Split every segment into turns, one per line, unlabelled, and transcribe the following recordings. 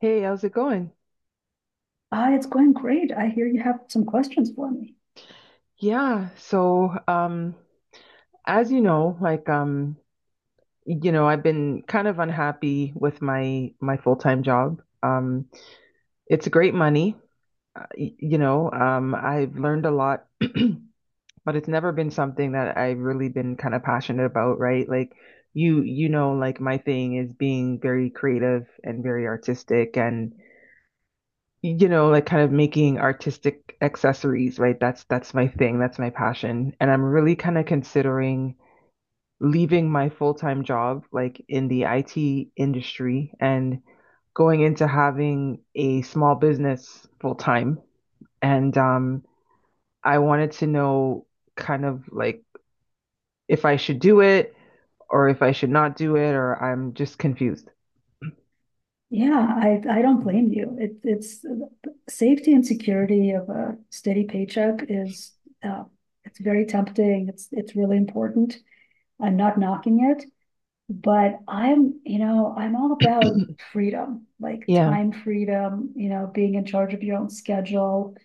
Hey, how's it going?
Ah, it's going great. I hear you have some questions for me.
Yeah, so as you know, I've been kind of unhappy with my full-time job. It's great money, I've learned a lot, but it's never been something that I've really been kind of passionate about, right? Like like my thing is being very creative and very artistic and like kind of making artistic accessories, right? That's my thing, that's my passion. And I'm really kind of considering leaving my full-time job like in the IT industry and going into having a small business full-time. And I wanted to know kind of like if I should do it or if I should not do it or I'm just confused.
Yeah, I don't blame you. It's safety and security of a steady paycheck is uh, it's very tempting. It's really important. I'm not knocking it, but I'm you know I'm all about freedom, like
Yeah.
time freedom. You know, being in charge of your own schedule,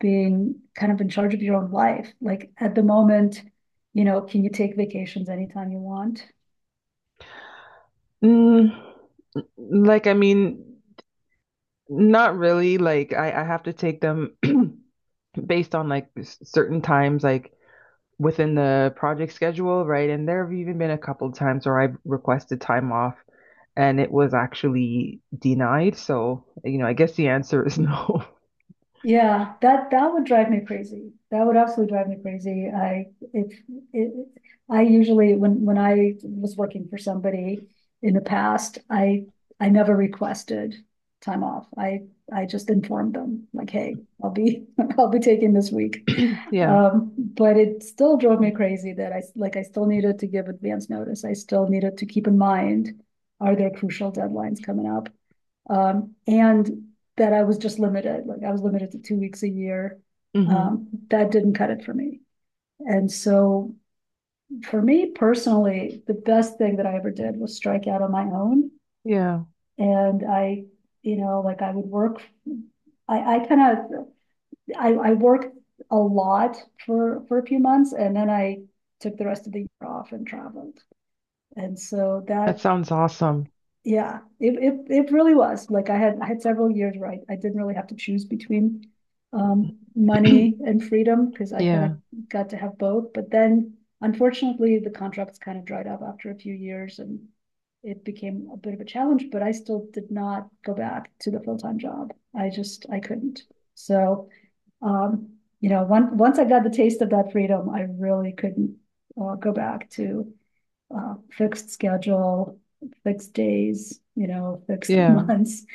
being kind of in charge of your own life. Like at the moment, you know, can you take vacations anytime you want?
Mm, like I mean, not really. Like I have to take them based on like s- certain times, like within the project schedule, right? And there have even been a couple times where I've requested time off and it was actually denied. So, I guess the answer is no.
Yeah, that would drive me crazy. That would absolutely drive me crazy. I if it, I usually when I was working for somebody in the past, I never requested time off. I just informed them like, hey, I'll be I'll be taking this week.
Yeah.
But it still drove me crazy that I like I still needed to give advance notice. I still needed to keep in mind, are there crucial deadlines coming up? And that I was just limited, like I was limited to 2 weeks a year.
Hmm.
That didn't cut it for me. And so for me personally, the best thing that I ever did was strike out on my own.
Yeah.
And you know, like I would work, I kind of, I worked a lot for a few months and then I took the rest of the year off and traveled. And so
That
that.
sounds awesome.
Yeah, it it really was. Like I had several years where I didn't really have to choose between money and freedom because I kind of
Yeah.
got to have both. But then unfortunately the contracts kind of dried up after a few years and it became a bit of a challenge, but I still did not go back to the full-time job. I just I couldn't. So you know, once I got the taste of that freedom, I really couldn't go back to fixed schedule, fixed days, you know, fixed
Yeah.
months.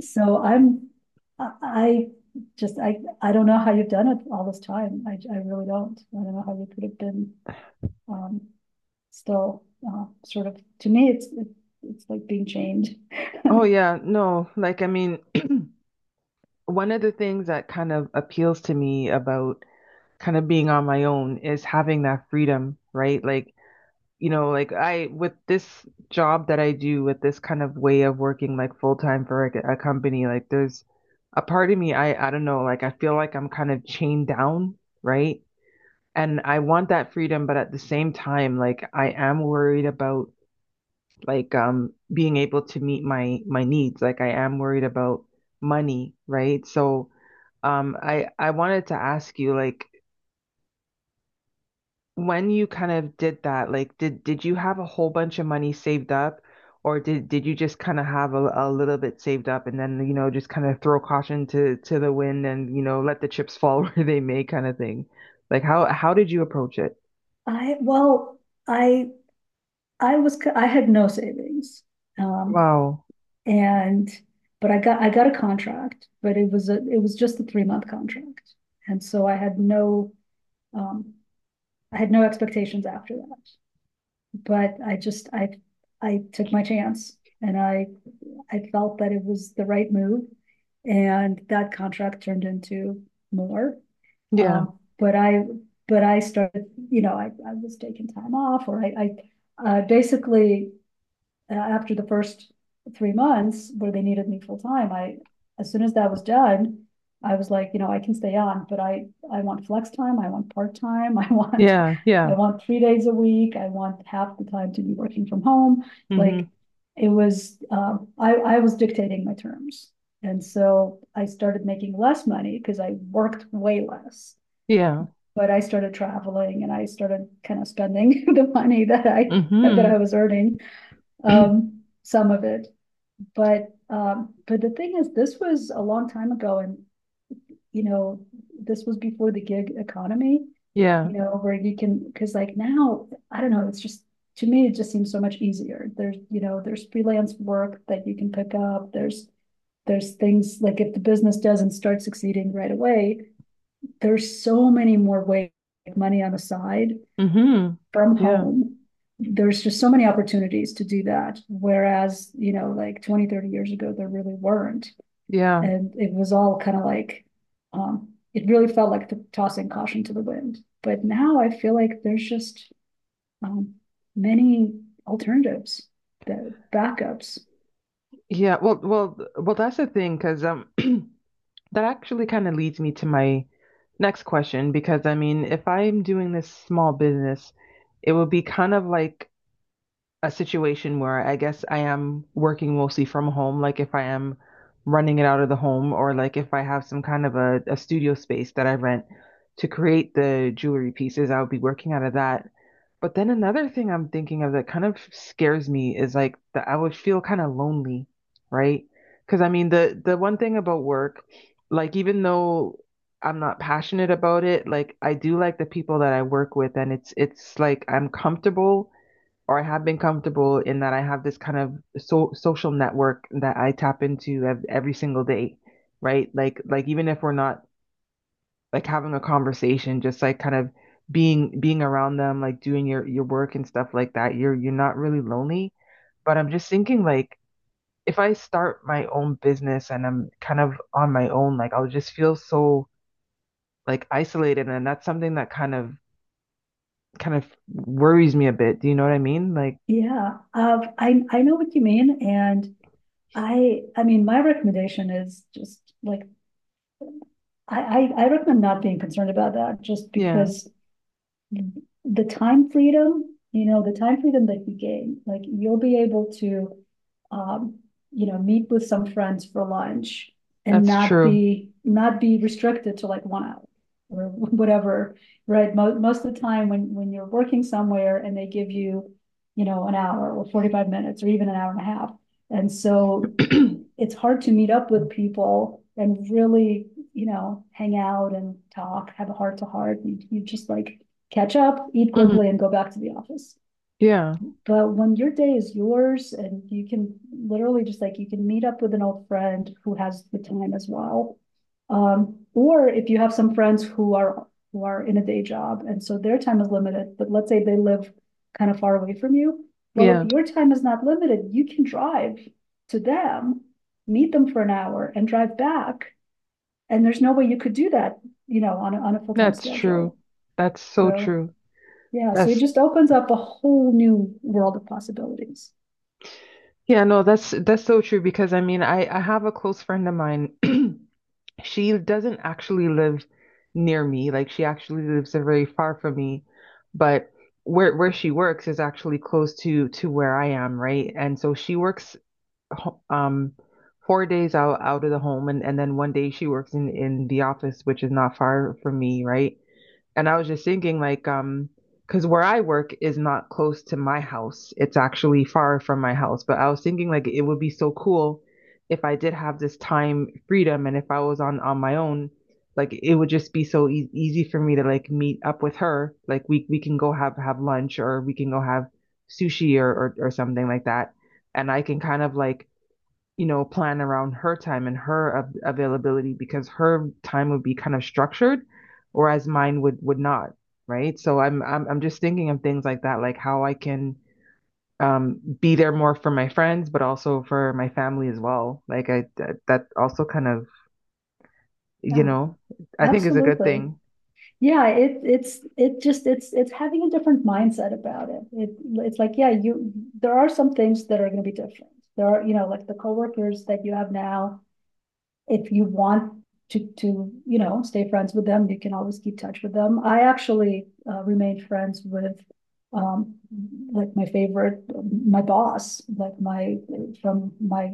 So I'm, I- just, I don't know how you've done it all this time. I really don't. I don't know how you could have been, um, still, sort of, to me, it's like being chained.
Oh, yeah. No, like, I mean, one of the things that kind of appeals to me about kind of being on my own is having that freedom, right? Like, like I with this job that I do with this kind of way of working like full time for like a company, like there's a part of me I don't know, like I feel like I'm kind of chained down, right? And I want that freedom, but at the same time, like I am worried about being able to meet my needs. Like I am worried about money, right? So I wanted to ask you like when you kind of did that, like did you have a whole bunch of money saved up, or did you just kind of have a little bit saved up and then just kind of throw caution to the wind and let the chips fall where they may kind of thing? Like how did you approach it?
Well, I, I had no savings. Um,
Wow.
and but I got a contract, but it was a it was just a 3 month contract, and so um, I had no expectations after that. But I just I took my chance, and I felt that it was the right move, and that contract turned into more.
Yeah.
Um, but I but I started you know I was taking time off, or I basically after the first 3 months where they needed me full time, I, as soon as that was done, I was like, you know, I can stay on, I want flex time. I want part time.
Yeah.
I
Yeah.
want 3 days a week. I want half the time to be working from home. Like
Hmm.
it was, I was dictating my terms. And so I started making less money because I worked way less,
Yeah.
but I started traveling and I started kind of spending the money that
Hmm.
I was earning some of it. But the thing is, this was a long time ago, and you know, this was before the gig economy.
Yeah.
You know, where you can because like now, I don't know. It's just to me, it just seems so much easier. There's you know, there's freelance work that you can pick up. There's things like if the business doesn't start succeeding right away, there's so many more ways to make money on the side
Hmm.
from
Yeah.
home, there's just so many opportunities to do that. Whereas, you know, like 20, 30 years ago, there really weren't.
Yeah.
And it was all kind of like, it really felt like the tossing caution to the wind. But now I feel like there's just um, many alternatives, the backups.
Yeah. Well, that's the thing, because that actually kind of leads me to my next question because I mean, if I'm doing this small business, it would be kind of like a situation where I guess I am working mostly from home, like if I am running it out of the home or like if I have some kind of a studio space that I rent to create the jewelry pieces, I would be working out of that. But then another thing I'm thinking of that kind of scares me is like that I would feel kind of lonely, right? Because I mean the one thing about work, like even though I'm not passionate about it, like I do like the people that I work with and it's like I'm comfortable or I have been comfortable in that I have this kind of so social network that I tap into ev- every single day, right? Like even if we're not like having a conversation, just like kind of being around them, like doing your work and stuff like that. You're not really lonely. But I'm just thinking like if I start my own business and I'm kind of on my own, like I'll just feel so like isolated and that's something that kind of worries me a bit. Do you know what I mean? Like,
Yeah, I know what you mean, and I mean my recommendation is just like I recommend not being concerned about that, just
yeah,
because the time freedom, you know, the time freedom that you gain, like you'll be able to, um, you know, meet with some friends for lunch and
that's
not
true.
be not be restricted to like one hour or whatever, right? Most most of the time when you're working somewhere and they give you, you know, an hour or 45 minutes or even an hour and a half. And so it's hard to meet up with people and really, you know, hang out and talk, have a heart to heart. You just like catch up, eat
Mhm.
quickly, and go back to the office.
Yeah,
But when your day is yours and you can literally just like you can meet up with an old friend who has the time as well. Or if you have some friends who are in a day job and so their time is limited, but let's say they live kind of far away from you. Well, if
yeah,
your time is not limited, you can drive to them, meet them for an hour and drive back. And there's no way you could do that, you know, on a full-time
that's true.
schedule.
That's so
So
true.
yeah, so it
That's
just opens up a whole new world of possibilities.
yeah, no, that's so true because I mean, I have a close friend of mine. She doesn't actually live near me. Like she actually lives very far from me, but where she works is actually close to where I am, right? And so she works ho- um 4 days out of the home and then one day she works in the office, which is not far from me, right? And I was just thinking, like, because where I work is not close to my house. It's actually far from my house. But I was thinking, like, it would be so cool if I did have this time freedom and if I was on my own, like, it would just be so e easy for me to like meet up with her. Like, we can go have lunch or we can go have sushi or something like that. And I can kind of like plan around her time and her av- availability because her time would be kind of structured, whereas mine would not, right? So I'm just thinking of things like that, like how I can be there more for my friends, but also for my family as well. Like I that, that also kind of, you
Yeah,
know, I think is a good
absolutely.
thing.
Yeah, it it's it just it's having a different mindset about it. It it's like, yeah, you there are some things that are going to be different. There are, you know, like the coworkers that you have now, if you want you know, stay friends with them, you can always keep touch with them. I actually remained friends with um like my favorite my boss like my from my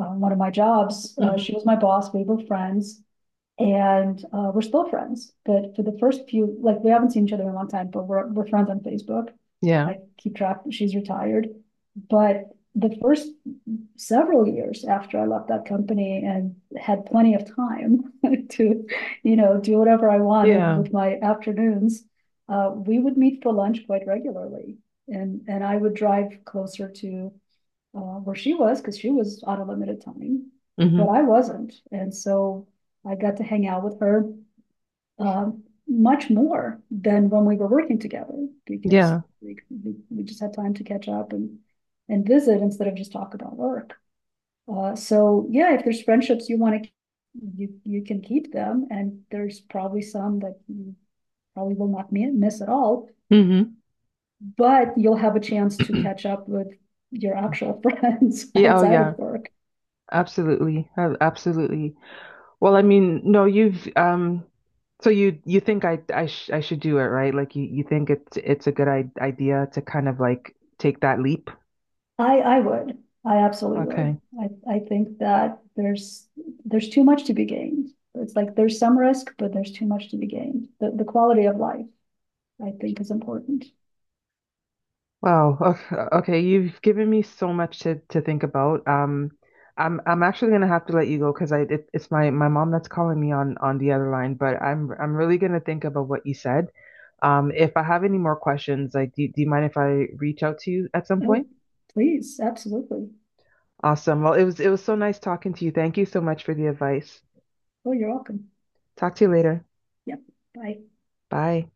one of my jobs.
Hmm.
She was my boss. We were friends, and we're still friends. But for the first few, like we haven't seen each other in a long time, but we're friends on Facebook.
Yeah.
I keep track. She's retired, but the first several years after I left that company and had plenty of time to, you know, do whatever I wanted
Yeah.
with my afternoons, we would meet for lunch quite regularly, and I would drive closer to where she was, because she was on a limited time, but
Hmm.
I wasn't. And so I got to hang out with her uh, much more than when we were working together because
Yeah.
we just had time to catch up and visit instead of just talk about work. So yeah, if there's friendships you want to, you can keep them, and there's probably some that you probably will not miss at all.
Hmm.
But you'll have a chance to catch up with your actual friends
Yeah, oh
outside of
yeah,
work.
absolutely. Absolutely. Well, I mean, no, you've so you think I should do it, right? Like you think it's a good I idea to kind of like take that leap.
I would, I absolutely would.
Okay.
I think that there's too much to be gained. It's like there's some risk, but there's too much to be gained. The quality of life, I think, is important.
Wow. Okay, okay, you've given me so much to think about. I'm actually gonna have to let you go because I it, it's my mom that's calling me on the other line, but I'm really gonna think about what you said. If I have any more questions, like do you mind if I reach out to you at some
Oh,
point?
please, absolutely.
Awesome. Well, it was so nice talking to you. Thank you so much for the advice.
Oh, you're welcome.
Talk to you later.
Yep, bye.
Bye.